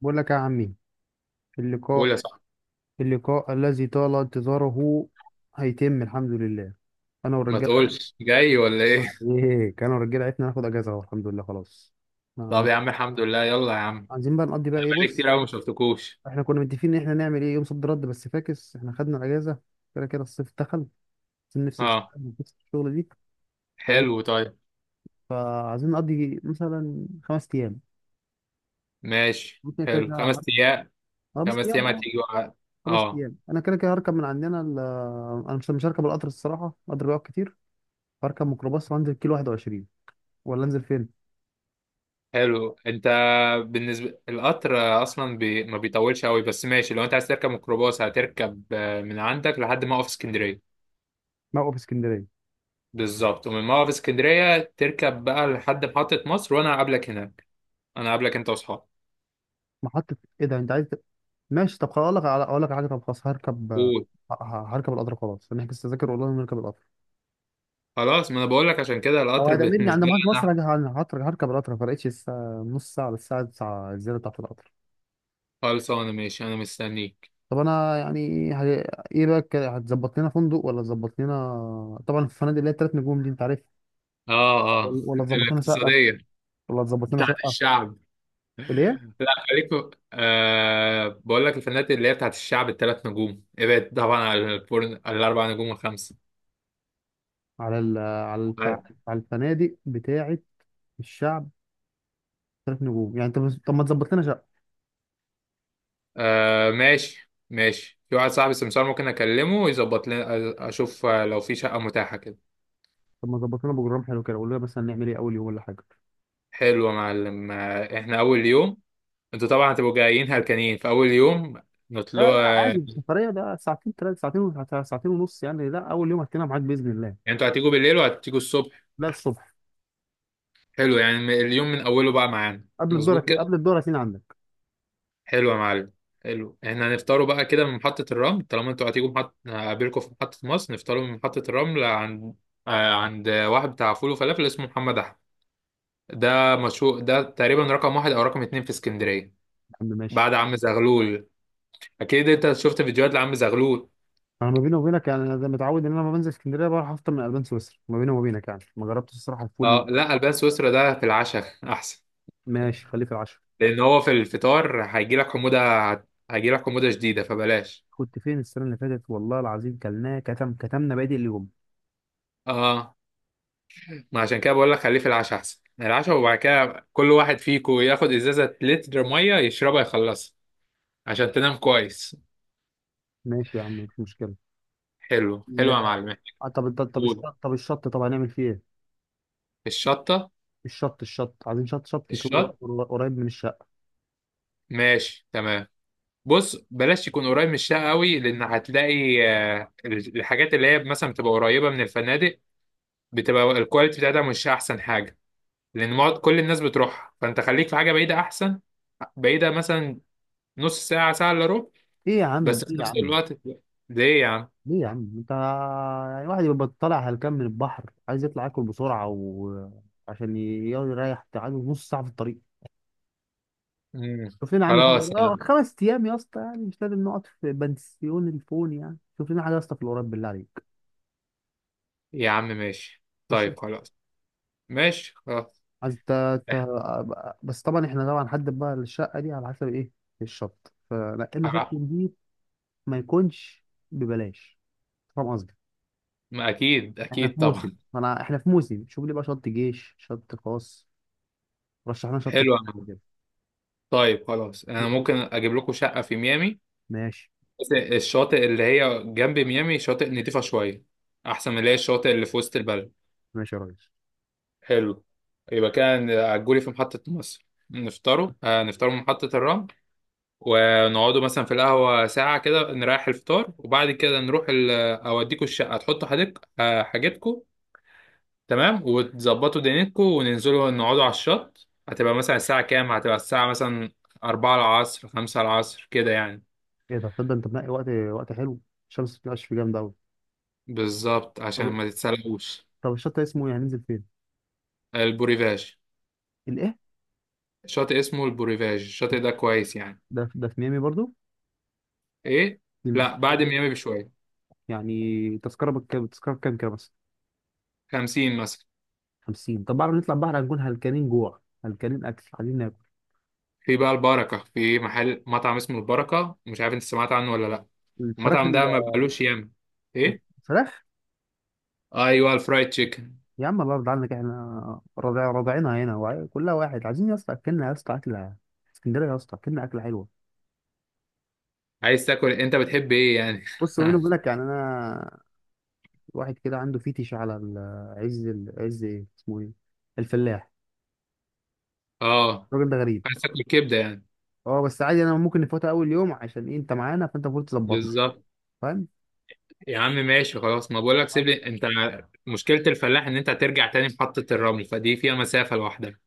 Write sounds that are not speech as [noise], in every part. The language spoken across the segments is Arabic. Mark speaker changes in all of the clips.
Speaker 1: بقول لك يا عمي،
Speaker 2: قول
Speaker 1: اللقاء
Speaker 2: يا صاحبي.
Speaker 1: اللقاء الذي طال انتظاره هيتم، الحمد لله، انا
Speaker 2: ما
Speaker 1: والرجاله.
Speaker 2: تقولش جاي ولا ايه؟ [laughs]
Speaker 1: ايه، انا والرجاله عرفنا ناخد اجازه اهو، الحمد لله، خلاص.
Speaker 2: طب
Speaker 1: عن-
Speaker 2: يا عم، الحمد لله، يلا يا عم.
Speaker 1: عايزين بقى نقضي بقى
Speaker 2: انا
Speaker 1: ايه،
Speaker 2: بقالي كتير
Speaker 1: بص،
Speaker 2: قوي ما شفتكوش.
Speaker 1: احنا كنا متفقين ان احنا نعمل ايه يوم صد رد، بس فاكس احنا خدنا الاجازه كده كده الصيف دخل. عايزين نفصل شويه
Speaker 2: اه،
Speaker 1: من قصة الشغل دي.
Speaker 2: حلو،
Speaker 1: فايه،
Speaker 2: طيب.
Speaker 1: فعايزين نقضي مثلا خمس ايام.
Speaker 2: ماشي
Speaker 1: ممكن كده
Speaker 2: حلو
Speaker 1: كده
Speaker 2: خمس ايام
Speaker 1: خمس
Speaker 2: خمس
Speaker 1: ايام،
Speaker 2: ايام
Speaker 1: اه،
Speaker 2: هتيجي بقى.
Speaker 1: خمس
Speaker 2: اه،
Speaker 1: ايام انا كده كده هركب من عندنا انا مش هركب القطر، الصراحه القطر بيقعد كتير. هركب ميكروباص وانزل كيلو 21، ولا انزل فين؟
Speaker 2: حلو انت. بالنسبه القطر، اصلا ما بيطولش قوي بس ماشي. لو انت عايز تركب ميكروباص هتركب من عندك لحد موقف اسكندريه.
Speaker 1: موقف اسكندريه.
Speaker 2: بالظبط، ومن موقف اسكندريه تركب بقى لحد محطه مصر وانا هقابلك هناك. انا هقابلك انت واصحابك.
Speaker 1: محطه ايه ده، انت عايز ماشي. طب خلاص، اقول لك على حاجه. طب خلاص
Speaker 2: قول.
Speaker 1: هركب القطر، خلاص نحجز تذاكر اونلاين ونركب القطر.
Speaker 2: خلاص، ما انا بقول لك عشان كده
Speaker 1: او
Speaker 2: القطر [laughs]
Speaker 1: هتقابلني
Speaker 2: بالنسبه
Speaker 1: عند
Speaker 2: لي
Speaker 1: محطه
Speaker 2: انا.
Speaker 1: مصر. هركب القطر، ما فرقتش الساعه، نص ساعه للساعه 9 الزياده بتاعت القطر.
Speaker 2: خلصانة ماشي، أنا مستنيك.
Speaker 1: طب انا يعني ايه بقى، هتظبط لنا فندق ولا تظبط لنا؟ طبعا الفنادق اللي هي الثلاث نجوم دي انت عارف.
Speaker 2: آه، آه.
Speaker 1: ولا تظبط لنا شقه؟
Speaker 2: الاقتصادية.
Speaker 1: ولا تظبط لنا
Speaker 2: بتاعت
Speaker 1: شقه
Speaker 2: الشعب.
Speaker 1: ليه؟
Speaker 2: لا، خليك في- آه بقول لك الفنانات اللي هي بتاعت الشعب الثلاث نجوم، ابعد طبعا على الفرن، على الأربع نجوم والخمسة.
Speaker 1: على ال... على الف...
Speaker 2: طيب.
Speaker 1: على الفنادق بتاعه الشعب، ثلاث نجوم يعني. طب ما تظبط لنا شقه؟
Speaker 2: آه ماشاشي ماشي، في واحد صاحبي سمسار ممكن أكلمه ويظبط لنا، أشوف لو في شقة متاحة كده.
Speaker 1: طب ما تظبط لنا بروجرام حلو كده، قول لنا مثلا نعمل ايه اول يوم ولا حاجه.
Speaker 2: حلو يا معلم. إحنا أول يوم. أنتوا طبعا هتبقوا جايين هلكانين في أول يوم.
Speaker 1: لا
Speaker 2: نطلع،
Speaker 1: لا، عادي،
Speaker 2: يعني.
Speaker 1: السفريه ده ساعتين، ثلاث ساعتين ساعتين ونص يعني. لا، اول يوم هتلاقينا معاك باذن الله.
Speaker 2: أنتوا هتيجوا بالليل وهتيجوا الصبح؟
Speaker 1: لا، الصبح.
Speaker 2: حلو، يعني اليوم من أوله بقى معانا. مظبوط
Speaker 1: قبل
Speaker 2: كده.
Speaker 1: الدورة هتلاقينا عندك.
Speaker 2: حلو يا معلم. حلو، احنا هنفطروا بقى كده من محطة الرمل. طالما انتوا هتيجوا هقابلكم في محطة مصر، نفطروا من محطة الرمل عند عند واحد بتاع فول وفلافل اسمه محمد أحمد. ده مشهور، ده تقريبا رقم واحد أو رقم اتنين في اسكندرية.
Speaker 1: يا عم ماشي.
Speaker 2: بعد عم زغلول. أكيد أنت شفت فيديوهات لعم زغلول.
Speaker 1: انا، ما بيني وبينك يعني، انا زي متعود ان انا لما بنزل اسكندريه بروح افطر من البان سويسرا. ما بيني وبينك يعني، ما جربتش الصراحه الفول.
Speaker 2: اه، لا، البان سويسرا ده في العشاء [laughs] أحسن.
Speaker 1: ماشي، خليه في العشاء.
Speaker 2: لأن هو في الفطار هيجيلك حموضة. هيجيلك حموضة شديدة فبلاش.
Speaker 1: كنت فين السنه اللي فاتت، والله العظيم كلناه كتمنا بادئ اليوم.
Speaker 2: اه، ما عشان كده بقول لك خليه في العشاء احسن. يعني العشاء، وبعد كده كل واحد فيكو ياخد ازازه لتر ميه يشربها يخلصها عشان تنام كويس.
Speaker 1: ماشي يا عم، مش مشكله.
Speaker 2: حلو، حلو يا
Speaker 1: لا.
Speaker 2: معلم.
Speaker 1: طب
Speaker 2: قول.
Speaker 1: طب هنعمل فيه ايه؟
Speaker 2: الشطه.
Speaker 1: الشط عايزين شط يكون
Speaker 2: الشط.
Speaker 1: قريب من الشقة.
Speaker 2: ماشي تمام. بص، بلاش يكون قريب من الشقه قوي لان هتلاقي الحاجات اللي هي مثلا بتبقى قريبه من الفنادق، بتبقى الكواليتي بتاعتها مش احسن حاجه. لان كل الناس بتروحها، فانت خليك في حاجه بعيده احسن. بعيده مثلا نص ساعه، ساعه الا ربع.
Speaker 1: ايه يا عم،
Speaker 2: بس في
Speaker 1: ايه يا
Speaker 2: نفس
Speaker 1: عم،
Speaker 2: الوقت. ليه يا عم؟
Speaker 1: ليه يا عم انت؟ يعني واحد يبقى طالع هلكان من البحر عايز يطلع ياكل بسرعة، وعشان يريح عايز نص ساعة في الطريق؟
Speaker 2: مم.
Speaker 1: شوف لنا يا عم حاجة،
Speaker 2: خلاص يا
Speaker 1: اه،
Speaker 2: عم.
Speaker 1: خمس ايام يا اسطى، يعني مش لازم نقعد في بنسيون الفون. يعني شوف لنا حاجة يا اسطى في القريب، بالله عليك.
Speaker 2: يا عم ماشي،
Speaker 1: ماشي.
Speaker 2: طيب خلاص. ماشي خلاص.
Speaker 1: عايز ت... بس طبعا احنا طبعا هنحدد بقى الشقة دي على حسب ايه. الشط، فنقلنا شط
Speaker 2: خلاص.
Speaker 1: نضيف، ما يكونش ببلاش، فاهم قصدي؟
Speaker 2: ما اكيد،
Speaker 1: احنا
Speaker 2: اكيد
Speaker 1: في موسم،
Speaker 2: طبعا.
Speaker 1: ما انا احنا في موسم شوف لي بقى شط جيش، شط خاص، رشح لنا شط
Speaker 2: حلو يا عم.
Speaker 1: الجيش.
Speaker 2: طيب خلاص، انا
Speaker 1: كده
Speaker 2: ممكن اجيب لكم شقه في ميامي.
Speaker 1: ماشي.
Speaker 2: بس الشاطئ اللي هي جنب ميامي شاطئ نضيفه شويه، احسن من اللي هي الشاطئ اللي في وسط البلد.
Speaker 1: ماشي يا ريس.
Speaker 2: حلو. يبقى كان عجولي في محطه مصر. نفطروا من محطه الرمل، ونقعدوا مثلا في القهوه ساعه كده نريح الفطار. وبعد كده نروح اوديكوا الشقه، تحطوا حاجتكم. تمام، وتظبطوا دنيتكم وننزلوا نقعدوا على الشط. هتبقى مثلا الساعة كام؟ هتبقى الساعة مثلا أربعة العصر، خمسة العصر كده يعني.
Speaker 1: ايه ده، تصدق انت منقي وقت، وقت حلو. الشمس بتنقش فيه جامد قوي.
Speaker 2: بالظبط، عشان
Speaker 1: طب
Speaker 2: ما تتسلقوش.
Speaker 1: طب الشط ده اسمه يعني، هننزل فين؟
Speaker 2: البوريفاج.
Speaker 1: الايه؟
Speaker 2: شاطئ اسمه البوريفاج. الشاطئ ده كويس يعني.
Speaker 1: ده في ميامي برضو؟
Speaker 2: ايه.
Speaker 1: في
Speaker 2: لا، بعد
Speaker 1: ميامي.
Speaker 2: ميامي بشوية.
Speaker 1: يعني تذكره بكام كده بس؟
Speaker 2: 50 مثلا.
Speaker 1: 50. طب بعد ما نطلع البحر هنكون هلكانين جوع، هلكانين اكل، عايزين ناكل.
Speaker 2: في بقى البركة. في محل مطعم اسمه البركة، مش عارف انت سمعت عنه ولا لا.
Speaker 1: الفراخ
Speaker 2: المطعم
Speaker 1: ال-
Speaker 2: ده ما بقالوش ياما. ايه.
Speaker 1: الفراخ.
Speaker 2: ايوه، الفرايد تشيكن.
Speaker 1: يا عم الأرض عندك، احنا رضع رضعينها هنا، كلها واحد. عايزين يا اسطى أكلنا، يا اسطى أكلة اسكندرية، يا اسطى أكلنا أكلة حلوة.
Speaker 2: عايز تاكل؟ انت بتحب ايه يعني؟
Speaker 1: بص، بيني
Speaker 2: [laughs]
Speaker 1: وبينك يعني، أنا واحد كده عنده فيتش على عز، إيه اسمه، إيه، الفلاح.
Speaker 2: اه،
Speaker 1: الراجل ده غريب.
Speaker 2: عايز تاكل كبدة يعني.
Speaker 1: أه، بس عادي، أنا ممكن نفوتها أول يوم، عشان إيه؟ أنت معانا فأنت المفروض تظبطني،
Speaker 2: بالظبط.
Speaker 1: فاهم؟
Speaker 2: يا عم ماشي، خلاص ما بقولك سيب لي انت. مشكلة الفلاح ان انت هترجع تاني محطة الرمل، فدي فيها مسافة لوحدها.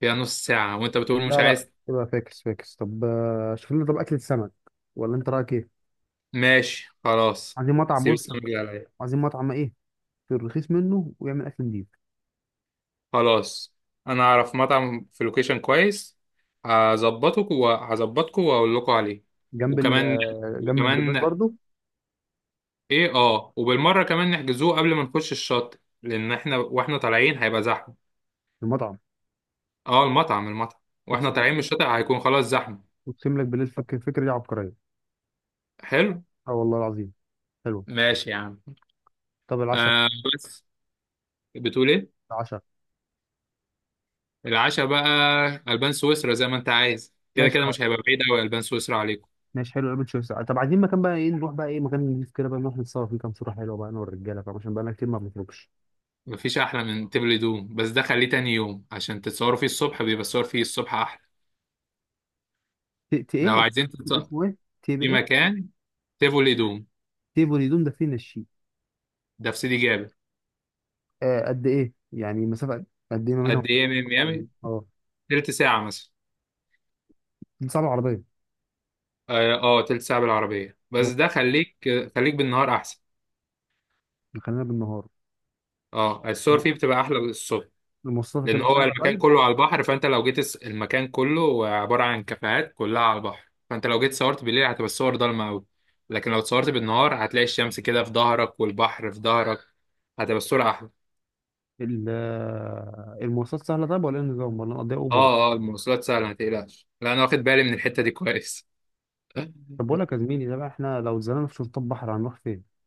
Speaker 2: فيها نص ساعة وانت بتقول مش
Speaker 1: لا لا،
Speaker 2: عايز.
Speaker 1: يبقى فاكس فاكس. طب، شوف لنا طب أكلة سمك، ولا أنت رأيك إيه؟
Speaker 2: ماشي، خلاص،
Speaker 1: عايزين مطعم،
Speaker 2: سيب
Speaker 1: بص،
Speaker 2: السمك اللي عليا.
Speaker 1: عايزين مطعم إيه؟ في الرخيص منه ويعمل أكل نضيف.
Speaker 2: خلاص، انا اعرف مطعم في لوكيشن كويس. هظبطك وهظبطكوا واقول لكم عليه.
Speaker 1: جنب ال
Speaker 2: وكمان،
Speaker 1: آه، جنب البرجاز
Speaker 2: وكمان.
Speaker 1: برضو.
Speaker 2: ايه، اه، وبالمرة كمان نحجزوه قبل ما نخش الشط، لان احنا واحنا طالعين هيبقى زحمة.
Speaker 1: في المطعم.
Speaker 2: اه، المطعم، المطعم. واحنا
Speaker 1: اقسم
Speaker 2: طالعين من الشاطئ هيكون خلاص زحمة.
Speaker 1: اقسم لك بالله، الفكره دي عبقريه.
Speaker 2: حلو.
Speaker 1: اه، والله العظيم. حلو.
Speaker 2: ماشي يا عم.
Speaker 1: طب العشاء.
Speaker 2: آه. بس بتقول ايه؟
Speaker 1: العشاء.
Speaker 2: العشاء بقى. البان سويسرا زي ما انت عايز، كده
Speaker 1: ماشي
Speaker 2: كده
Speaker 1: خ...
Speaker 2: مش هيبقى بعيد قوي البان سويسرا عليكم.
Speaker 1: ماشي حلو، قبل شويه ساعه. طب عايزين مكان بقى ايه، نروح بقى ايه، مكان نضيف كده بقى، نروح نتصور فيه كام صوره حلوه بقى انا والرجاله، فاهم، عشان بقى لنا كتير ما بنخرجش.
Speaker 2: مفيش احلى من تبل دوم، بس ده خليه تاني يوم عشان تتصوروا فيه. الصبح بيبقى الصور فيه الصبح احلى. لو
Speaker 1: ايه
Speaker 2: عايزين تتصور
Speaker 1: اسمه ايه، تيب
Speaker 2: في
Speaker 1: ايه،
Speaker 2: مكان: تيفولي دوم.
Speaker 1: تيب الهدوم ده فين الشيء؟
Speaker 2: ده في سيدي جابر.
Speaker 1: قد ايه يعني مسافه؟ قد ايه ما بينهم؟
Speaker 2: قد ايه من
Speaker 1: او
Speaker 2: ميامي؟
Speaker 1: اه
Speaker 2: تلت ساعة مثلا.
Speaker 1: صعب العربيه.
Speaker 2: اه، تلت ساعة بالعربية، بس ده
Speaker 1: الموضوع-
Speaker 2: خليك خليك بالنهار احسن.
Speaker 1: خلينا بالنهار.
Speaker 2: اه، الصور
Speaker 1: م-
Speaker 2: فيه بتبقى احلى الصبح.
Speaker 1: المواصلات
Speaker 2: لان
Speaker 1: هتبقى
Speaker 2: هو
Speaker 1: سهله
Speaker 2: المكان
Speaker 1: طيب؟
Speaker 2: كله على البحر، فانت لو جيت المكان كله عباره عن كافيهات كلها على البحر، فانت لو جيت صورت بالليل هتبقى الصور ضلمه قوي. لكن لو اتصورت بالنهار هتلاقي الشمس كده في ظهرك والبحر في ظهرك، هتبقى الصوره احلى.
Speaker 1: المواصلات سهله طيب ولا إيه النظام، ولا نقضيها اوبر؟
Speaker 2: اه، اه، المواصلات سهله ما تقلقش. لا، انا واخد بالي من الحته دي كويس.
Speaker 1: طب بقول لك يا
Speaker 2: [laughs]
Speaker 1: زميلي، ده بقى احنا لو اتزنقنا في شرطات بحر هنروح فين؟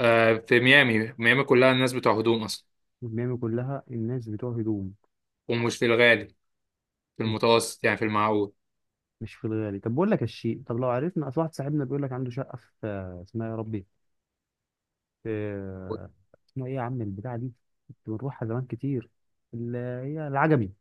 Speaker 2: آه، في ميامي. ميامي كلها الناس بتوع هدوم اصلا.
Speaker 1: الميامي كلها الناس بتوع هدوم.
Speaker 2: ومش في الغالي، في
Speaker 1: مش
Speaker 2: المتوسط يعني في المعقول.
Speaker 1: مش في الغالي. طب بقول لك يا الشيء، طب لو عرفنا، اصل واحد صاحبنا بيقول لك عنده شقه في، اسمها يا ربي، في، اسمها ايه يا عم البتاعه دي، كنت بنروحها زمان كتير، اللي هي العجمي.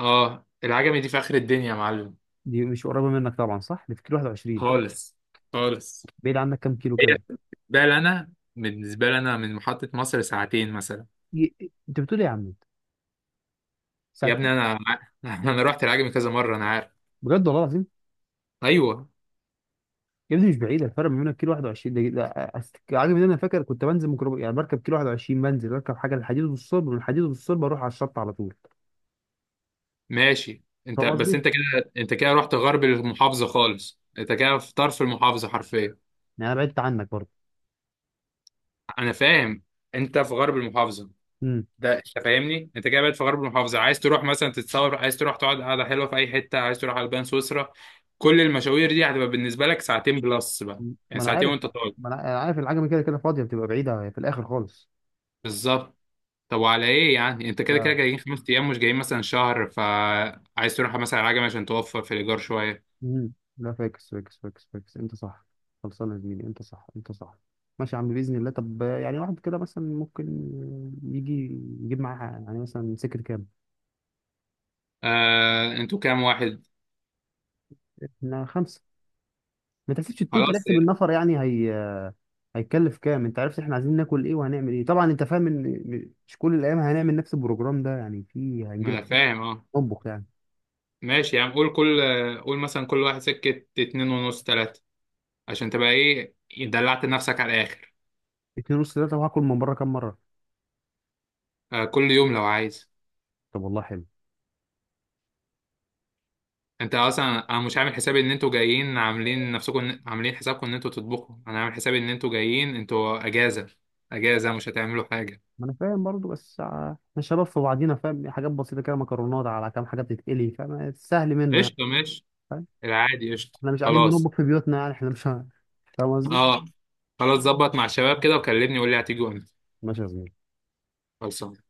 Speaker 2: اه، العجمي دي في اخر الدنيا يا معلم.
Speaker 1: دي مش قريبه منك طبعا، صح؟ اللي في كيلو 21.
Speaker 2: خالص، خالص.
Speaker 1: بعيد عنك كام كيلو كده؟
Speaker 2: ده اللي انا بالنسبه لي انا من محطه مصر ساعتين مثلا.
Speaker 1: انت بتقول ايه يا عم؟
Speaker 2: يا ابني
Speaker 1: ساعتين؟
Speaker 2: انا [laughs] انا رحت العجمي كذا مره انا عارف.
Speaker 1: بجد، والله العظيم.
Speaker 2: ايوه.
Speaker 1: يا ابني مش بعيد، الفرق ما بينك كيلو 21 ده عاجب ان انا فاكر كنت بنزل ميكروب يعني، بركب كيلو 21 بنزل، بركب حاجه للحديد والصلب، من الحديد والصلب اروح على الشط على طول.
Speaker 2: ماشي. انت
Speaker 1: فاهم
Speaker 2: بس
Speaker 1: قصدي؟
Speaker 2: انت كده، انت كده رحت غرب المحافظه خالص، انت كده في طرف المحافظه حرفيا.
Speaker 1: يعني انا بعدت عنك برضه.
Speaker 2: انا فاهم. انت في غرب المحافظه.
Speaker 1: امم
Speaker 2: ده انت فاهمني، انت كده بقيت في غرب المحافظه. عايز تروح مثلا تتصور، عايز تروح تقعد قعده حلوه في اي حته، عايز تروح على البان سويسرا. كل المشاوير دي هتبقى بالنسبه لك ساعتين بلس بقى. يعني
Speaker 1: ما انا
Speaker 2: ساعتين
Speaker 1: عارف،
Speaker 2: وانت طالع.
Speaker 1: ما انا أنا عارف العجمي كده كده فاضيه، بتبقى بعيده في الاخر خالص.
Speaker 2: بالظبط. طب وعلى ايه؟ يعني انت كده كده
Speaker 1: لا.
Speaker 2: جايين 5 ايام، مش جايين مثلا شهر، فعايز تروح مثلا على عجمي عشان توفر في الايجار شويه؟
Speaker 1: لا، فاكس فاكس فاكس فاكس، انت صح. خلصانه يا زميلي، انت صح، انت صح. ماشي يا عم، باذن الله. طب يعني واحد كده مثلا ممكن يجي يجيب معاه يعني مثلا سكر كام؟
Speaker 2: آه، انتوا كام واحد؟
Speaker 1: احنا خمسه. ما تحسبش التوتال،
Speaker 2: خلاص،
Speaker 1: احسب
Speaker 2: إيه.
Speaker 1: النفر يعني. هيتكلف كام، انت عرفت احنا عايزين ناكل ايه وهنعمل ايه. طبعا انت فاهم ان مش كل الايام هنعمل نفس البروجرام ده يعني، في
Speaker 2: ما
Speaker 1: هنجيب
Speaker 2: انا
Speaker 1: حاجات
Speaker 2: فاهم، اه.
Speaker 1: نطبخ يعني.
Speaker 2: ماشي، يعني قول مثلا كل واحد سكه اتنين ونص، تلاته، عشان تبقى ايه، دلعت نفسك على الاخر.
Speaker 1: اتنين ونص، تلاته، وهاكل من بره كام مره؟
Speaker 2: آه، كل يوم لو عايز.
Speaker 1: طب والله حلو.
Speaker 2: انت اصلا انا مش عامل حسابي ان انتوا جايين عاملين حسابكم ان انتوا تطبخوا. انا عامل حسابي ان انتوا جايين انتوا اجازه. اجازه، مش هتعملوا حاجه.
Speaker 1: ما انا فاهم برضو، بس احنا شباب في بعضينا، فاهم، حاجات بسيطه كده، مكرونات على كام حاجه بتتقلي، فاهم، سهل منه يعني.
Speaker 2: قشطه، ماشي.
Speaker 1: فاهم.
Speaker 2: العادي، قشطه،
Speaker 1: احنا مش قاعدين
Speaker 2: خلاص.
Speaker 1: بنطبخ في بيوتنا يعني، احنا مش فاهم قصدي.
Speaker 2: اه، خلاص، ظبط مع الشباب كده وكلمني وقول لي هتيجي امتى.
Speaker 1: ماشي يا زميلي.
Speaker 2: خلاص.